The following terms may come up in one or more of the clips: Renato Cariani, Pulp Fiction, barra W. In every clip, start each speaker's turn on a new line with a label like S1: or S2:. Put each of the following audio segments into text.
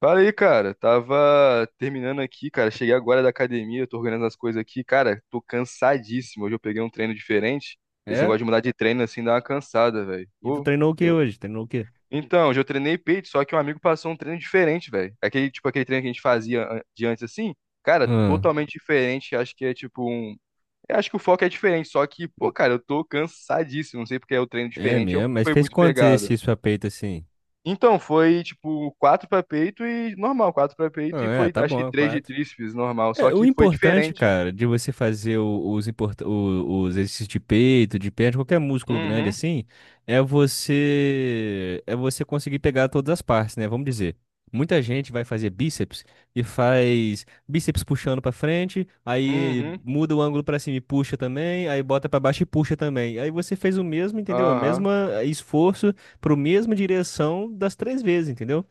S1: Fala aí, cara. Tava terminando aqui, cara. Cheguei agora da academia, tô organizando as coisas aqui. Cara, tô cansadíssimo. Hoje eu peguei um treino diferente. Esse
S2: É?
S1: negócio de mudar de treino assim dá uma cansada, velho.
S2: E tu
S1: Pô,
S2: treinou o que
S1: eu.
S2: hoje? Treinou o quê?
S1: Então, hoje eu treinei peito, só que um amigo passou um treino diferente, velho. Aquele, tipo, aquele treino que a gente fazia de antes assim, cara,
S2: Hum,
S1: totalmente diferente. Acho que é tipo um. Eu acho que o foco é diferente, só que, pô, cara, eu tô cansadíssimo. Não sei porque é o treino
S2: é
S1: diferente, eu
S2: mesmo? Mas
S1: fui
S2: fez
S1: muito
S2: quantos
S1: pegado.
S2: exercícios a peito assim?
S1: Então, foi tipo quatro para peito e normal, quatro para
S2: Ah,
S1: peito e
S2: é,
S1: foi
S2: tá
S1: acho que
S2: bom,
S1: três de
S2: quatro.
S1: tríceps normal, só
S2: É, o
S1: que foi
S2: importante,
S1: diferente.
S2: cara, de você fazer os exercícios de peito, de perna, de qualquer músculo grande
S1: Uhum,
S2: assim, é você conseguir pegar todas as partes, né? Vamos dizer, muita gente vai fazer bíceps e faz bíceps puxando pra frente, aí
S1: uhum,
S2: muda o ângulo pra cima e puxa também, aí bota pra baixo e puxa também. Aí você fez o mesmo, entendeu? O
S1: aham.
S2: mesmo esforço pro mesma direção das 3 vezes, entendeu?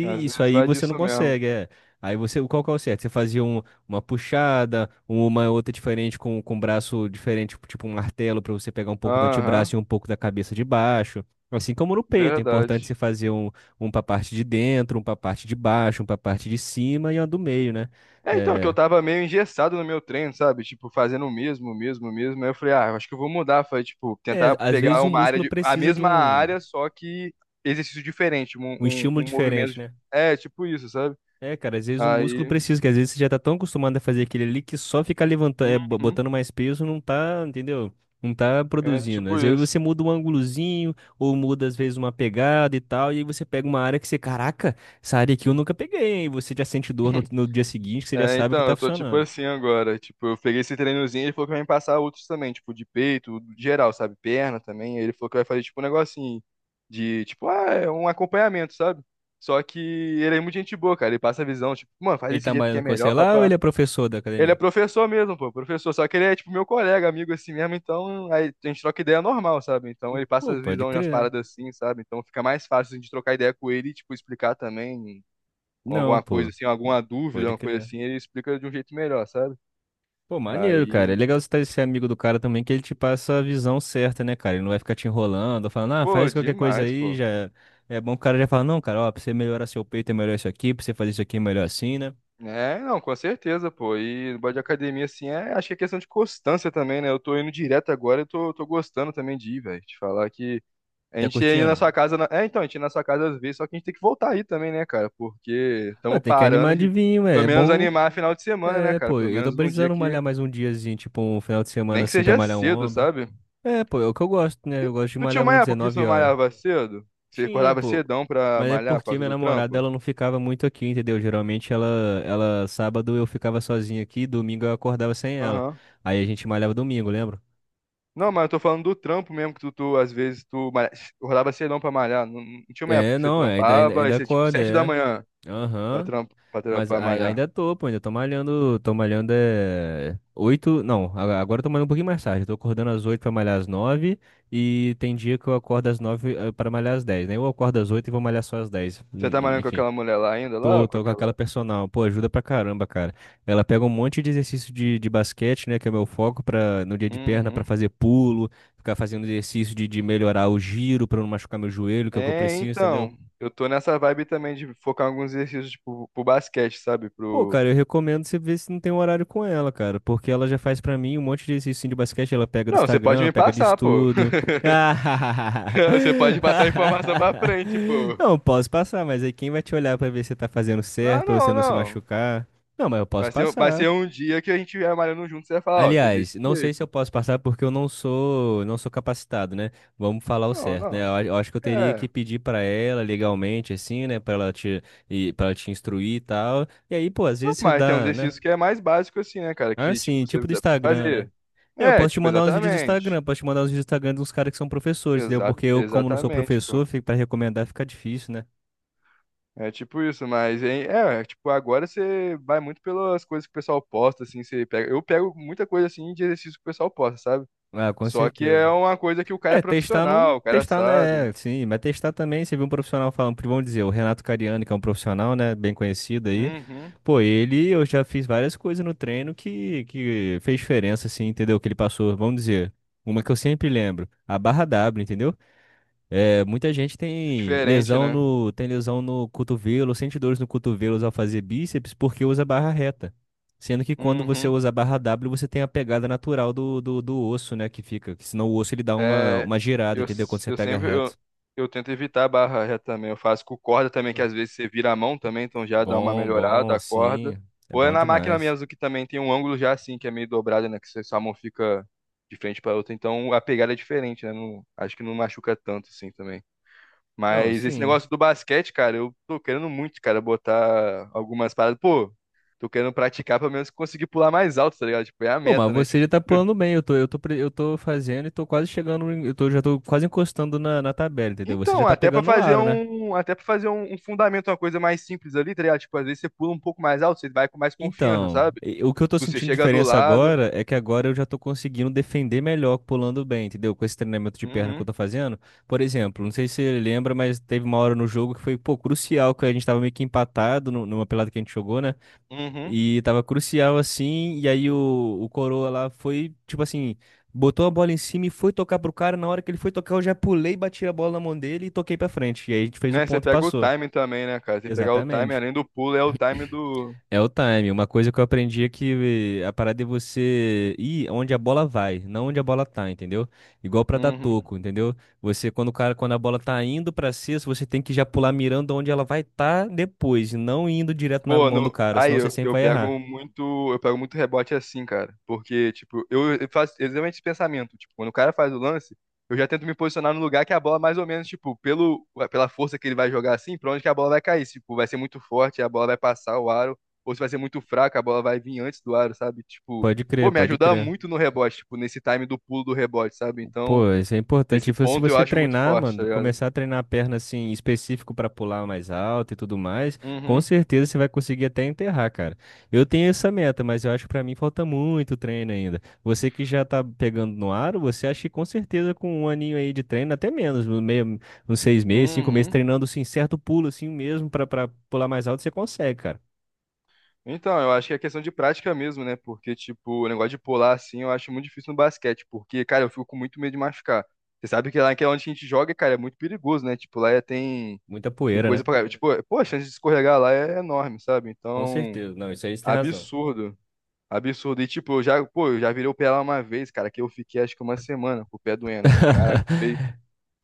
S1: Às
S2: isso
S1: vezes
S2: aí
S1: vai
S2: você não
S1: disso mesmo.
S2: consegue, é. Aí você, qual que é o certo? Você fazia uma puxada, uma é outra diferente com um braço diferente, tipo um martelo para você pegar um pouco do
S1: Aham,
S2: antebraço e um pouco da cabeça de baixo. Assim como no peito, é importante você
S1: verdade.
S2: fazer um para a parte de dentro, um para a parte de baixo, um para a parte de cima e um do meio, né?
S1: É então que eu
S2: É,
S1: tava meio engessado no meu treino, sabe? Tipo, fazendo o mesmo, o mesmo, o mesmo. Aí eu falei, ah, acho que eu vou mudar. Foi tipo,
S2: é,
S1: tentar
S2: às
S1: pegar
S2: vezes o
S1: uma área
S2: músculo
S1: de, a
S2: precisa de
S1: mesma
S2: um,
S1: área, só que exercício diferente, um,
S2: um
S1: um,
S2: estímulo
S1: um movimento,
S2: diferente, né?
S1: é tipo isso, sabe?
S2: É, cara, às vezes o músculo
S1: Aí,
S2: precisa, que às vezes você já tá tão acostumado a fazer aquele ali que só ficar levantando,
S1: uhum,
S2: botando mais peso não tá, entendeu? Não tá
S1: é
S2: produzindo.
S1: tipo
S2: Às vezes
S1: isso.
S2: você muda um ângulozinho, ou muda às vezes uma pegada e tal, e aí você pega uma área que você, caraca, essa área aqui eu nunca peguei, hein? E você já sente dor no dia seguinte, que você já
S1: É,
S2: sabe que
S1: então,
S2: tá
S1: eu tô tipo
S2: funcionando.
S1: assim agora. Tipo, eu peguei esse treinozinho e ele falou que vai me passar outros também, tipo, de peito, geral, sabe? Perna também. Aí ele falou que vai fazer tipo um negocinho de, tipo, ah, é um acompanhamento, sabe? Só que ele é muito gente boa, cara. Ele passa a visão, tipo, mano, faz
S2: Ele
S1: desse
S2: tá
S1: jeito que
S2: malhando
S1: é
S2: com você
S1: melhor,
S2: lá ou
S1: papá.
S2: ele é professor da
S1: Ele é
S2: academia?
S1: professor mesmo, pô, professor. Só que ele é, tipo, meu colega, amigo assim mesmo. Então, aí a gente troca ideia normal, sabe? Então, ele passa
S2: Pô,
S1: a
S2: pode
S1: visão de umas
S2: crer.
S1: paradas assim, sabe? Então, fica mais fácil de trocar ideia com ele e, tipo, explicar também ou
S2: Não,
S1: alguma coisa
S2: pô,
S1: assim, alguma dúvida,
S2: pode
S1: uma coisa
S2: crer.
S1: assim, ele explica de um jeito melhor, sabe?
S2: Pô, maneiro, cara.
S1: Aí,
S2: É legal você estar esse amigo do cara também, que ele te passa a visão certa, né, cara? Ele não vai ficar te enrolando, falando, ah,
S1: pô,
S2: faz qualquer coisa
S1: demais,
S2: aí,
S1: pô.
S2: já. É bom que o cara já fala, não, cara, ó, pra você melhorar seu peito é melhor isso aqui, pra você fazer isso aqui é melhor assim, né?
S1: É, não, com certeza, pô. E no bode de academia, assim, é, acho que é questão de constância também, né? Eu tô indo direto agora, eu tô gostando também de ir, velho. Te falar que a
S2: Tá
S1: gente ia ir na
S2: curtindo?
S1: sua casa. É, então, a gente ia na sua casa às vezes, só que a gente tem que voltar aí também, né, cara? Porque
S2: Mano,
S1: estamos
S2: tem que
S1: parando
S2: animar de
S1: de
S2: vinho ué.
S1: pelo
S2: É
S1: menos
S2: bom.
S1: animar final de semana, né,
S2: É,
S1: cara?
S2: pô,
S1: Pelo
S2: eu tô
S1: menos num dia
S2: precisando
S1: que.
S2: malhar mais um diazinho, tipo um final de semana
S1: Nem que
S2: assim pra
S1: seja
S2: malhar um
S1: cedo,
S2: ombro.
S1: sabe?
S2: É, pô, é o que eu gosto, né? Eu gosto de
S1: Tu tinha
S2: malhar,
S1: uma
S2: vamos dizer,
S1: época que você
S2: 9
S1: não
S2: horas.
S1: malhava cedo? Você
S2: Tinha,
S1: acordava
S2: pô.
S1: cedão pra
S2: Mas é
S1: malhar por
S2: porque
S1: causa
S2: minha
S1: do
S2: namorada,
S1: trampo?
S2: ela não ficava muito aqui, entendeu? Geralmente ela, sábado eu ficava sozinho aqui, domingo eu acordava sem ela.
S1: Aham.
S2: Aí a gente malhava domingo, lembra?
S1: Não, mas eu tô falando do trampo mesmo, que tu, às vezes acordava cedão pra malhar. Não, não tinha uma época
S2: É,
S1: que você
S2: não, é, ainda, ainda,
S1: trampava, aí
S2: ainda
S1: você, tipo,
S2: acorda,
S1: sete da
S2: é.
S1: manhã pra,
S2: Aham.
S1: trampo, pra, tra-
S2: Mas
S1: pra malhar.
S2: ainda tô, pô, ainda tô malhando é oito, não, agora eu tô malhando um pouquinho mais tarde, eu tô acordando às 8 pra malhar às 9 e tem dia que eu acordo às 9 pra malhar às 10, né? Eu acordo às 8 e vou malhar só às 10,
S1: Você tá malhando com
S2: enfim.
S1: aquela mulher lá ainda, lá,
S2: Tô,
S1: com
S2: tô com aquela
S1: aquela...
S2: personal. Pô, ajuda pra caramba, cara. Ela pega um monte de exercício de basquete, né? Que é meu foco pra, no dia de perna pra
S1: Uhum.
S2: fazer pulo, ficar fazendo exercício de melhorar o giro pra não machucar meu joelho, que é o que eu
S1: É,
S2: preciso, entendeu?
S1: então, eu tô nessa vibe também de focar em alguns exercícios, tipo, pro basquete, sabe?
S2: Pô,
S1: Pro...
S2: cara, eu recomendo você ver se não tem um horário com ela, cara. Porque ela já faz pra mim um monte de exercício de basquete. Ela pega do
S1: Não, você pode
S2: Instagram,
S1: me
S2: pega de
S1: passar, pô.
S2: estudo.
S1: Você pode passar a informação pra
S2: Ah,
S1: frente, pô.
S2: não, posso passar, mas aí quem vai te olhar pra ver se você tá fazendo certo ou você
S1: Não,
S2: não se
S1: não.
S2: machucar? Não, mas eu posso
S1: Vai ser,
S2: passar.
S1: um dia que a gente vier malhando junto, e você vai falar, ó, é
S2: Aliás,
S1: desse
S2: não sei se
S1: jeito.
S2: eu posso passar porque eu não sou, não sou capacitado, né? Vamos falar o
S1: Não,
S2: certo, né?
S1: não.
S2: Eu acho que eu teria que
S1: É.
S2: pedir pra ela legalmente, assim, né? Pra ela te, e para te instruir e tal. E aí, pô, às
S1: Não,
S2: vezes você
S1: mas tem uns
S2: dá, né?
S1: exercícios que é mais básico assim, né, cara?
S2: Ah,
S1: Que,
S2: sim,
S1: tipo, você
S2: tipo do
S1: dá pra você
S2: Instagram, né?
S1: fazer.
S2: Eu
S1: É,
S2: posso te
S1: tipo,
S2: mandar uns vídeos do
S1: exatamente.
S2: Instagram, posso te mandar uns vídeos do Instagram de uns caras que são professores, entendeu?
S1: Exa
S2: Porque eu, como não sou
S1: exatamente, pô.
S2: professor, fica para recomendar fica difícil, né?
S1: É tipo isso, mas hein, tipo, agora você vai muito pelas coisas que o pessoal posta, assim, você pega. Eu pego muita coisa assim de exercício que o pessoal posta, sabe?
S2: Ah, com
S1: Só que é
S2: certeza.
S1: uma coisa que o cara é
S2: É, testar
S1: profissional,
S2: não.
S1: o cara
S2: Testar,
S1: sabe.
S2: né? Sim, mas testar também. Você viu um profissional falando, vamos dizer, o Renato Cariani, que é um profissional, né? Bem conhecido aí.
S1: Uhum.
S2: Pô, ele, eu já fiz várias coisas no treino que fez diferença, assim, entendeu? Que ele passou, vamos dizer. Uma que eu sempre lembro, a barra W, entendeu? É, muita gente
S1: É
S2: tem
S1: diferente,
S2: lesão
S1: né?
S2: no cotovelo, sente dores no cotovelo ao fazer bíceps porque usa barra reta. Sendo que quando você
S1: Uhum.
S2: usa a barra W, você tem a pegada natural do osso, né? Que fica. Que senão o osso ele dá uma,
S1: É,
S2: uma girada,
S1: eu,
S2: entendeu? Quando você
S1: eu
S2: pega
S1: sempre eu,
S2: reto.
S1: eu tento evitar a barra reta também. Eu faço com corda também, que
S2: Hum.
S1: às vezes você vira a mão também, então já dá uma
S2: Bom,
S1: melhorada
S2: bom,
S1: a corda.
S2: sim. É
S1: Ou é
S2: bom
S1: na máquina
S2: demais.
S1: mesmo que também tem um ângulo já assim, que é meio dobrado, né? Que sua mão fica de frente para outra. Então a pegada é diferente, né? Não, acho que não machuca tanto assim também.
S2: Não,
S1: Mas esse
S2: sim.
S1: negócio do basquete, cara, eu tô querendo muito, cara, botar algumas paradas. Pô, tô querendo praticar pelo menos conseguir pular mais alto, tá ligado? Tipo, é a
S2: Pô,
S1: meta,
S2: mas
S1: né?
S2: você já tá pulando bem. Eu tô fazendo e tô quase chegando. Já tô quase encostando na tabela, entendeu? Você já
S1: Então,
S2: tá
S1: até pra
S2: pegando o
S1: fazer
S2: aro, né?
S1: um, até para fazer um, um fundamento, uma coisa mais simples ali, tá ligado? Tipo, às vezes você pula um pouco mais alto, você vai com mais confiança,
S2: Então,
S1: sabe?
S2: o que eu tô
S1: Você
S2: sentindo
S1: chega do
S2: diferença
S1: lado.
S2: agora é que agora eu já tô conseguindo defender melhor pulando bem, entendeu? Com esse treinamento de perna que eu
S1: Uhum,
S2: tô fazendo. Por exemplo, não sei se você lembra, mas teve uma hora no jogo que foi, pô, crucial, que a gente tava meio que empatado numa pelada que a gente jogou, né?
S1: uhum.
S2: E tava crucial assim, e aí o Coroa lá foi, tipo assim, botou a bola em cima e foi tocar pro cara. Na hora que ele foi tocar, eu já pulei, bati a bola na mão dele e toquei pra frente. E aí a gente fez o
S1: Né? Você
S2: ponto e
S1: pega o
S2: passou.
S1: time também, né, cara? Você pegar o time,
S2: Exatamente.
S1: além do pulo, é o time do.
S2: É o time. Uma coisa que eu aprendi é que a parada é você ir onde a bola vai, não onde a bola tá, entendeu? Igual pra dar
S1: Uhum.
S2: toco, entendeu? Você, quando o cara, quando a bola tá indo pra cesta, você tem que já pular mirando onde ela vai estar depois, e não indo direto na
S1: Pô,
S2: mão do
S1: não...
S2: cara,
S1: aí
S2: senão você
S1: eu,
S2: sempre
S1: eu
S2: vai errar.
S1: pego muito, eu pego muito rebote assim, cara, porque tipo, eu faço exatamente esse pensamento, tipo, quando o cara faz o lance, eu já tento me posicionar no lugar que a bola mais ou menos, tipo, pelo pela força que ele vai jogar assim, pra onde que a bola vai cair, se, tipo, vai ser muito forte, a bola vai passar o aro, ou se vai ser muito fraca, a bola vai vir antes do aro, sabe? Tipo,
S2: Pode
S1: pô,
S2: crer,
S1: me
S2: pode
S1: ajuda
S2: crer.
S1: muito no rebote, tipo, nesse time do pulo do rebote, sabe? Então,
S2: Pô, isso é importante.
S1: esse
S2: Tipo, se
S1: ponto eu
S2: você
S1: acho muito
S2: treinar,
S1: forte, tá
S2: mano,
S1: ligado?
S2: começar a treinar a perna assim, específico pra pular mais alto e tudo mais, com
S1: Uhum,
S2: certeza você vai conseguir até enterrar, cara. Eu tenho essa meta, mas eu acho que pra mim falta muito treino ainda. Você que já tá pegando no aro, você acha que com certeza com um aninho aí de treino, até menos, no meio, uns 6 meses, 5 meses,
S1: uhum.
S2: treinando assim, certo pulo assim mesmo pra pular mais alto, você consegue, cara.
S1: Então, eu acho que é questão de prática mesmo, né? Porque, tipo, o negócio de pular assim, eu acho muito difícil no basquete, porque, cara, eu fico com muito medo de machucar. Você sabe que lá que é onde a gente joga, cara, é muito perigoso, né? Tipo, lá tem,
S2: Muita
S1: tem
S2: poeira,
S1: coisa
S2: né?
S1: pra. Tipo, pô, a chance de escorregar lá é enorme, sabe?
S2: Com
S1: Então,
S2: certeza. Não, isso aí você tem razão.
S1: absurdo. Absurdo. E, tipo, eu já virei o pé lá uma vez, cara, que eu fiquei acho que uma semana com o pé doendo, velho. Caraca, foi,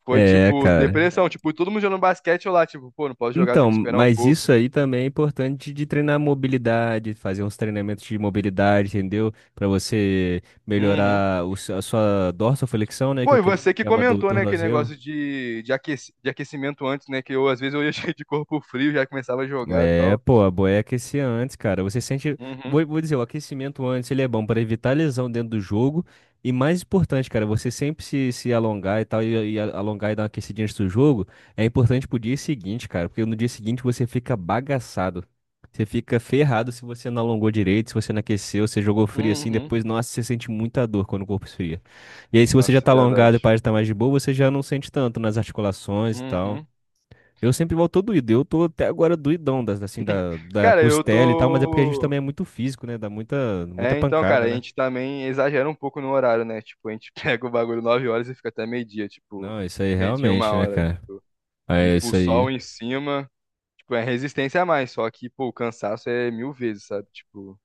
S1: foi,
S2: É,
S1: tipo, pois é,
S2: cara.
S1: depressão, cara. Tipo, todo mundo jogando basquete, eu lá, tipo, pô, não posso jogar, tenho
S2: Então,
S1: que esperar um
S2: mas isso
S1: pouco.
S2: aí também é importante de treinar mobilidade, fazer uns treinamentos de mobilidade, entendeu? Para você
S1: Uhum.
S2: melhorar o a sua dorsoflexão, né, que é
S1: Pô,
S2: o
S1: e
S2: que
S1: você que
S2: chama do
S1: comentou, né, aquele
S2: tornozelo.
S1: negócio de aquecimento antes, né, que eu às vezes eu ia cheio de corpo frio, já começava a jogar e
S2: É,
S1: tal.
S2: pô, a boia é aquecer antes, cara. Você sente.
S1: Uhum,
S2: Vou dizer, o aquecimento antes ele é bom para evitar lesão dentro do jogo. E mais importante, cara, você sempre se alongar e tal, alongar e dar uma aquecidinha antes do jogo, é importante pro dia seguinte, cara. Porque no dia seguinte você fica bagaçado. Você fica ferrado se você não alongou direito, se você não aqueceu, você jogou frio assim,
S1: uhum.
S2: depois, nossa, você sente muita dor quando o corpo esfria. E aí, se você já
S1: Nossa,
S2: tá
S1: é
S2: alongado e
S1: verdade.
S2: parece estar mais de boa, você já não sente tanto nas articulações e tal.
S1: Uhum.
S2: Eu sempre volto todo doído. Eu tô até agora doidão, assim, da
S1: Cara, eu
S2: costela e tal, mas é porque a gente
S1: tô...
S2: também é muito físico, né? Dá muita, muita
S1: É, então, cara,
S2: pancada,
S1: a
S2: né?
S1: gente também exagera um pouco no horário, né? Tipo, a gente pega o bagulho 9 horas e fica até meio-dia,
S2: Não,
S1: tipo,
S2: isso aí
S1: meio-dia, uma
S2: realmente, né,
S1: hora.
S2: cara?
S1: E,
S2: É
S1: tipo, o
S2: isso aí.
S1: sol em cima, tipo, é resistência a mais, só que, pô, o cansaço é mil vezes, sabe? Tipo,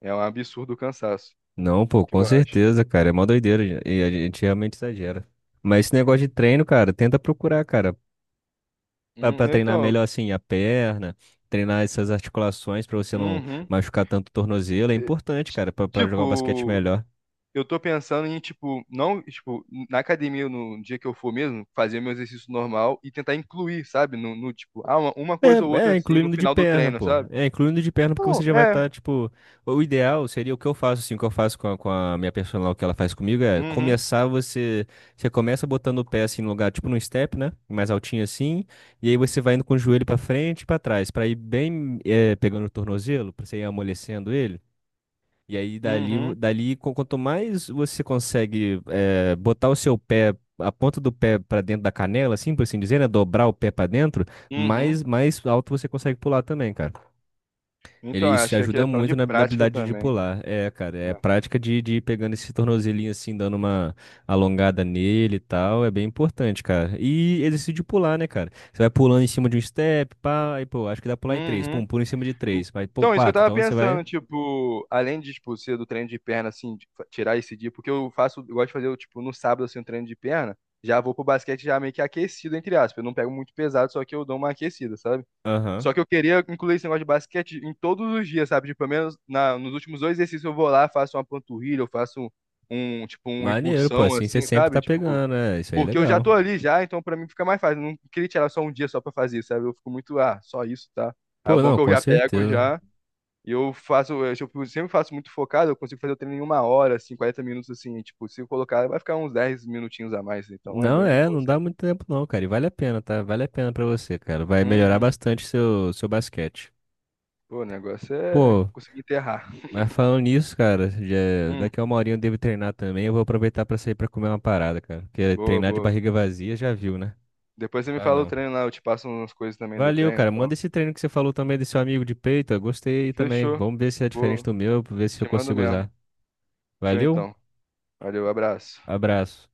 S1: é um absurdo o cansaço,
S2: Não,
S1: é o
S2: pô,
S1: que
S2: com
S1: eu acho.
S2: certeza, cara. É mó doideira, gente. E a gente realmente exagera. Mas esse negócio de treino, cara, tenta procurar, cara, pra, pra treinar
S1: Então,
S2: melhor, assim, a perna, treinar essas articulações pra você não
S1: uhum.
S2: machucar tanto o tornozelo. É
S1: eh,
S2: importante, cara, pra jogar um basquete
S1: Tipo,
S2: melhor.
S1: eu tô pensando em, tipo, não, tipo, na academia, no dia que eu for mesmo, fazer meu exercício normal e tentar incluir, sabe? No, tipo, ah, uma
S2: É,
S1: coisa ou outra
S2: é,
S1: assim no
S2: incluindo de
S1: final do
S2: perna,
S1: treino,
S2: pô.
S1: sabe?
S2: É, incluindo de perna, porque
S1: Não,
S2: você já vai
S1: é.
S2: estar, tipo. O ideal seria o que eu faço, assim, o que eu faço com a minha personal, o que ela faz comigo, é
S1: Uhum,
S2: começar você. Você começa botando o pé, assim, no lugar, tipo num step, né? Mais altinho, assim. E aí você vai indo com o joelho pra frente e pra trás, pra ir bem, é, pegando o tornozelo, pra você ir amolecendo ele. E aí,
S1: uhum,
S2: quanto mais você consegue botar o seu pé, a ponta do pé para dentro da canela, assim, por assim dizer, né? Dobrar o pé para dentro,
S1: uhum.
S2: mais alto você consegue pular também, cara. Ele,
S1: Então,
S2: isso te
S1: acho que é
S2: ajuda
S1: questão
S2: muito
S1: de
S2: na
S1: prática
S2: habilidade de
S1: também.
S2: pular. É, cara, é
S1: É.
S2: prática de ir pegando esse tornozelinho assim, dando uma alongada nele e tal. É bem importante, cara. E exercício de pular, né, cara? Você vai pulando em cima de um step, pá, aí, pô, acho que dá pra pular em três.
S1: Uhum.
S2: Pum, pula em cima de três. Vai, pô,
S1: Então, isso que eu
S2: quatro.
S1: tava
S2: Então você vai.
S1: pensando, tipo, além de, tipo, ser do treino de perna, assim, de tirar esse dia, porque eu faço, eu gosto de fazer, tipo, no sábado, assim, um treino de perna, já vou pro basquete já meio que aquecido, entre aspas, eu não pego muito pesado, só que eu dou uma aquecida, sabe?
S2: Aham.
S1: Só que eu queria incluir esse negócio de basquete em todos os dias, sabe? Tipo, pelo menos nos últimos dois exercícios eu vou lá, faço uma panturrilha, eu faço tipo, uma
S2: Maneiro, pô,
S1: impulsão,
S2: assim você
S1: assim,
S2: sempre
S1: sabe?
S2: tá
S1: Tipo,
S2: pegando, né? Isso aí é
S1: porque eu já
S2: legal.
S1: tô ali já, então pra mim fica mais fácil, eu não queria tirar só um dia só pra fazer, sabe? Eu fico muito, ah, só isso, tá? Aí é
S2: Pô,
S1: bom é
S2: não,
S1: que eu
S2: com
S1: já pego
S2: certeza.
S1: já. E eu faço, eu tipo, sempre faço muito focado, eu consigo fazer o treino em uma hora, assim, 40 minutos, assim, e, tipo, se eu colocar, vai ficar uns 10 minutinhos a mais, então é
S2: Não
S1: bem de
S2: é,
S1: boa,
S2: não dá
S1: sabe?
S2: muito tempo não, cara. E vale a pena, tá? Vale a pena pra você, cara. Vai melhorar
S1: Uhum.
S2: bastante seu basquete.
S1: Pô, o negócio é
S2: Pô,
S1: conseguir enterrar.
S2: mas falando nisso, cara,
S1: Hum,
S2: daqui a uma horinha eu devo treinar também. Eu vou aproveitar pra sair pra comer uma parada, cara. Porque
S1: boa,
S2: treinar de
S1: boa.
S2: barriga vazia já viu, né?
S1: Depois você me
S2: Ah,
S1: fala o
S2: não.
S1: treino lá, eu te passo umas coisas também do
S2: Valeu,
S1: treino e
S2: cara. Manda
S1: tal.
S2: esse treino que você falou também desse seu amigo de peito. Eu gostei aí também.
S1: Fechou.
S2: Vamos ver se é diferente
S1: Vou,
S2: do meu, ver se eu
S1: Te mando
S2: consigo
S1: mesmo.
S2: usar.
S1: Show
S2: Valeu,
S1: então. Valeu, abraço.
S2: abraço.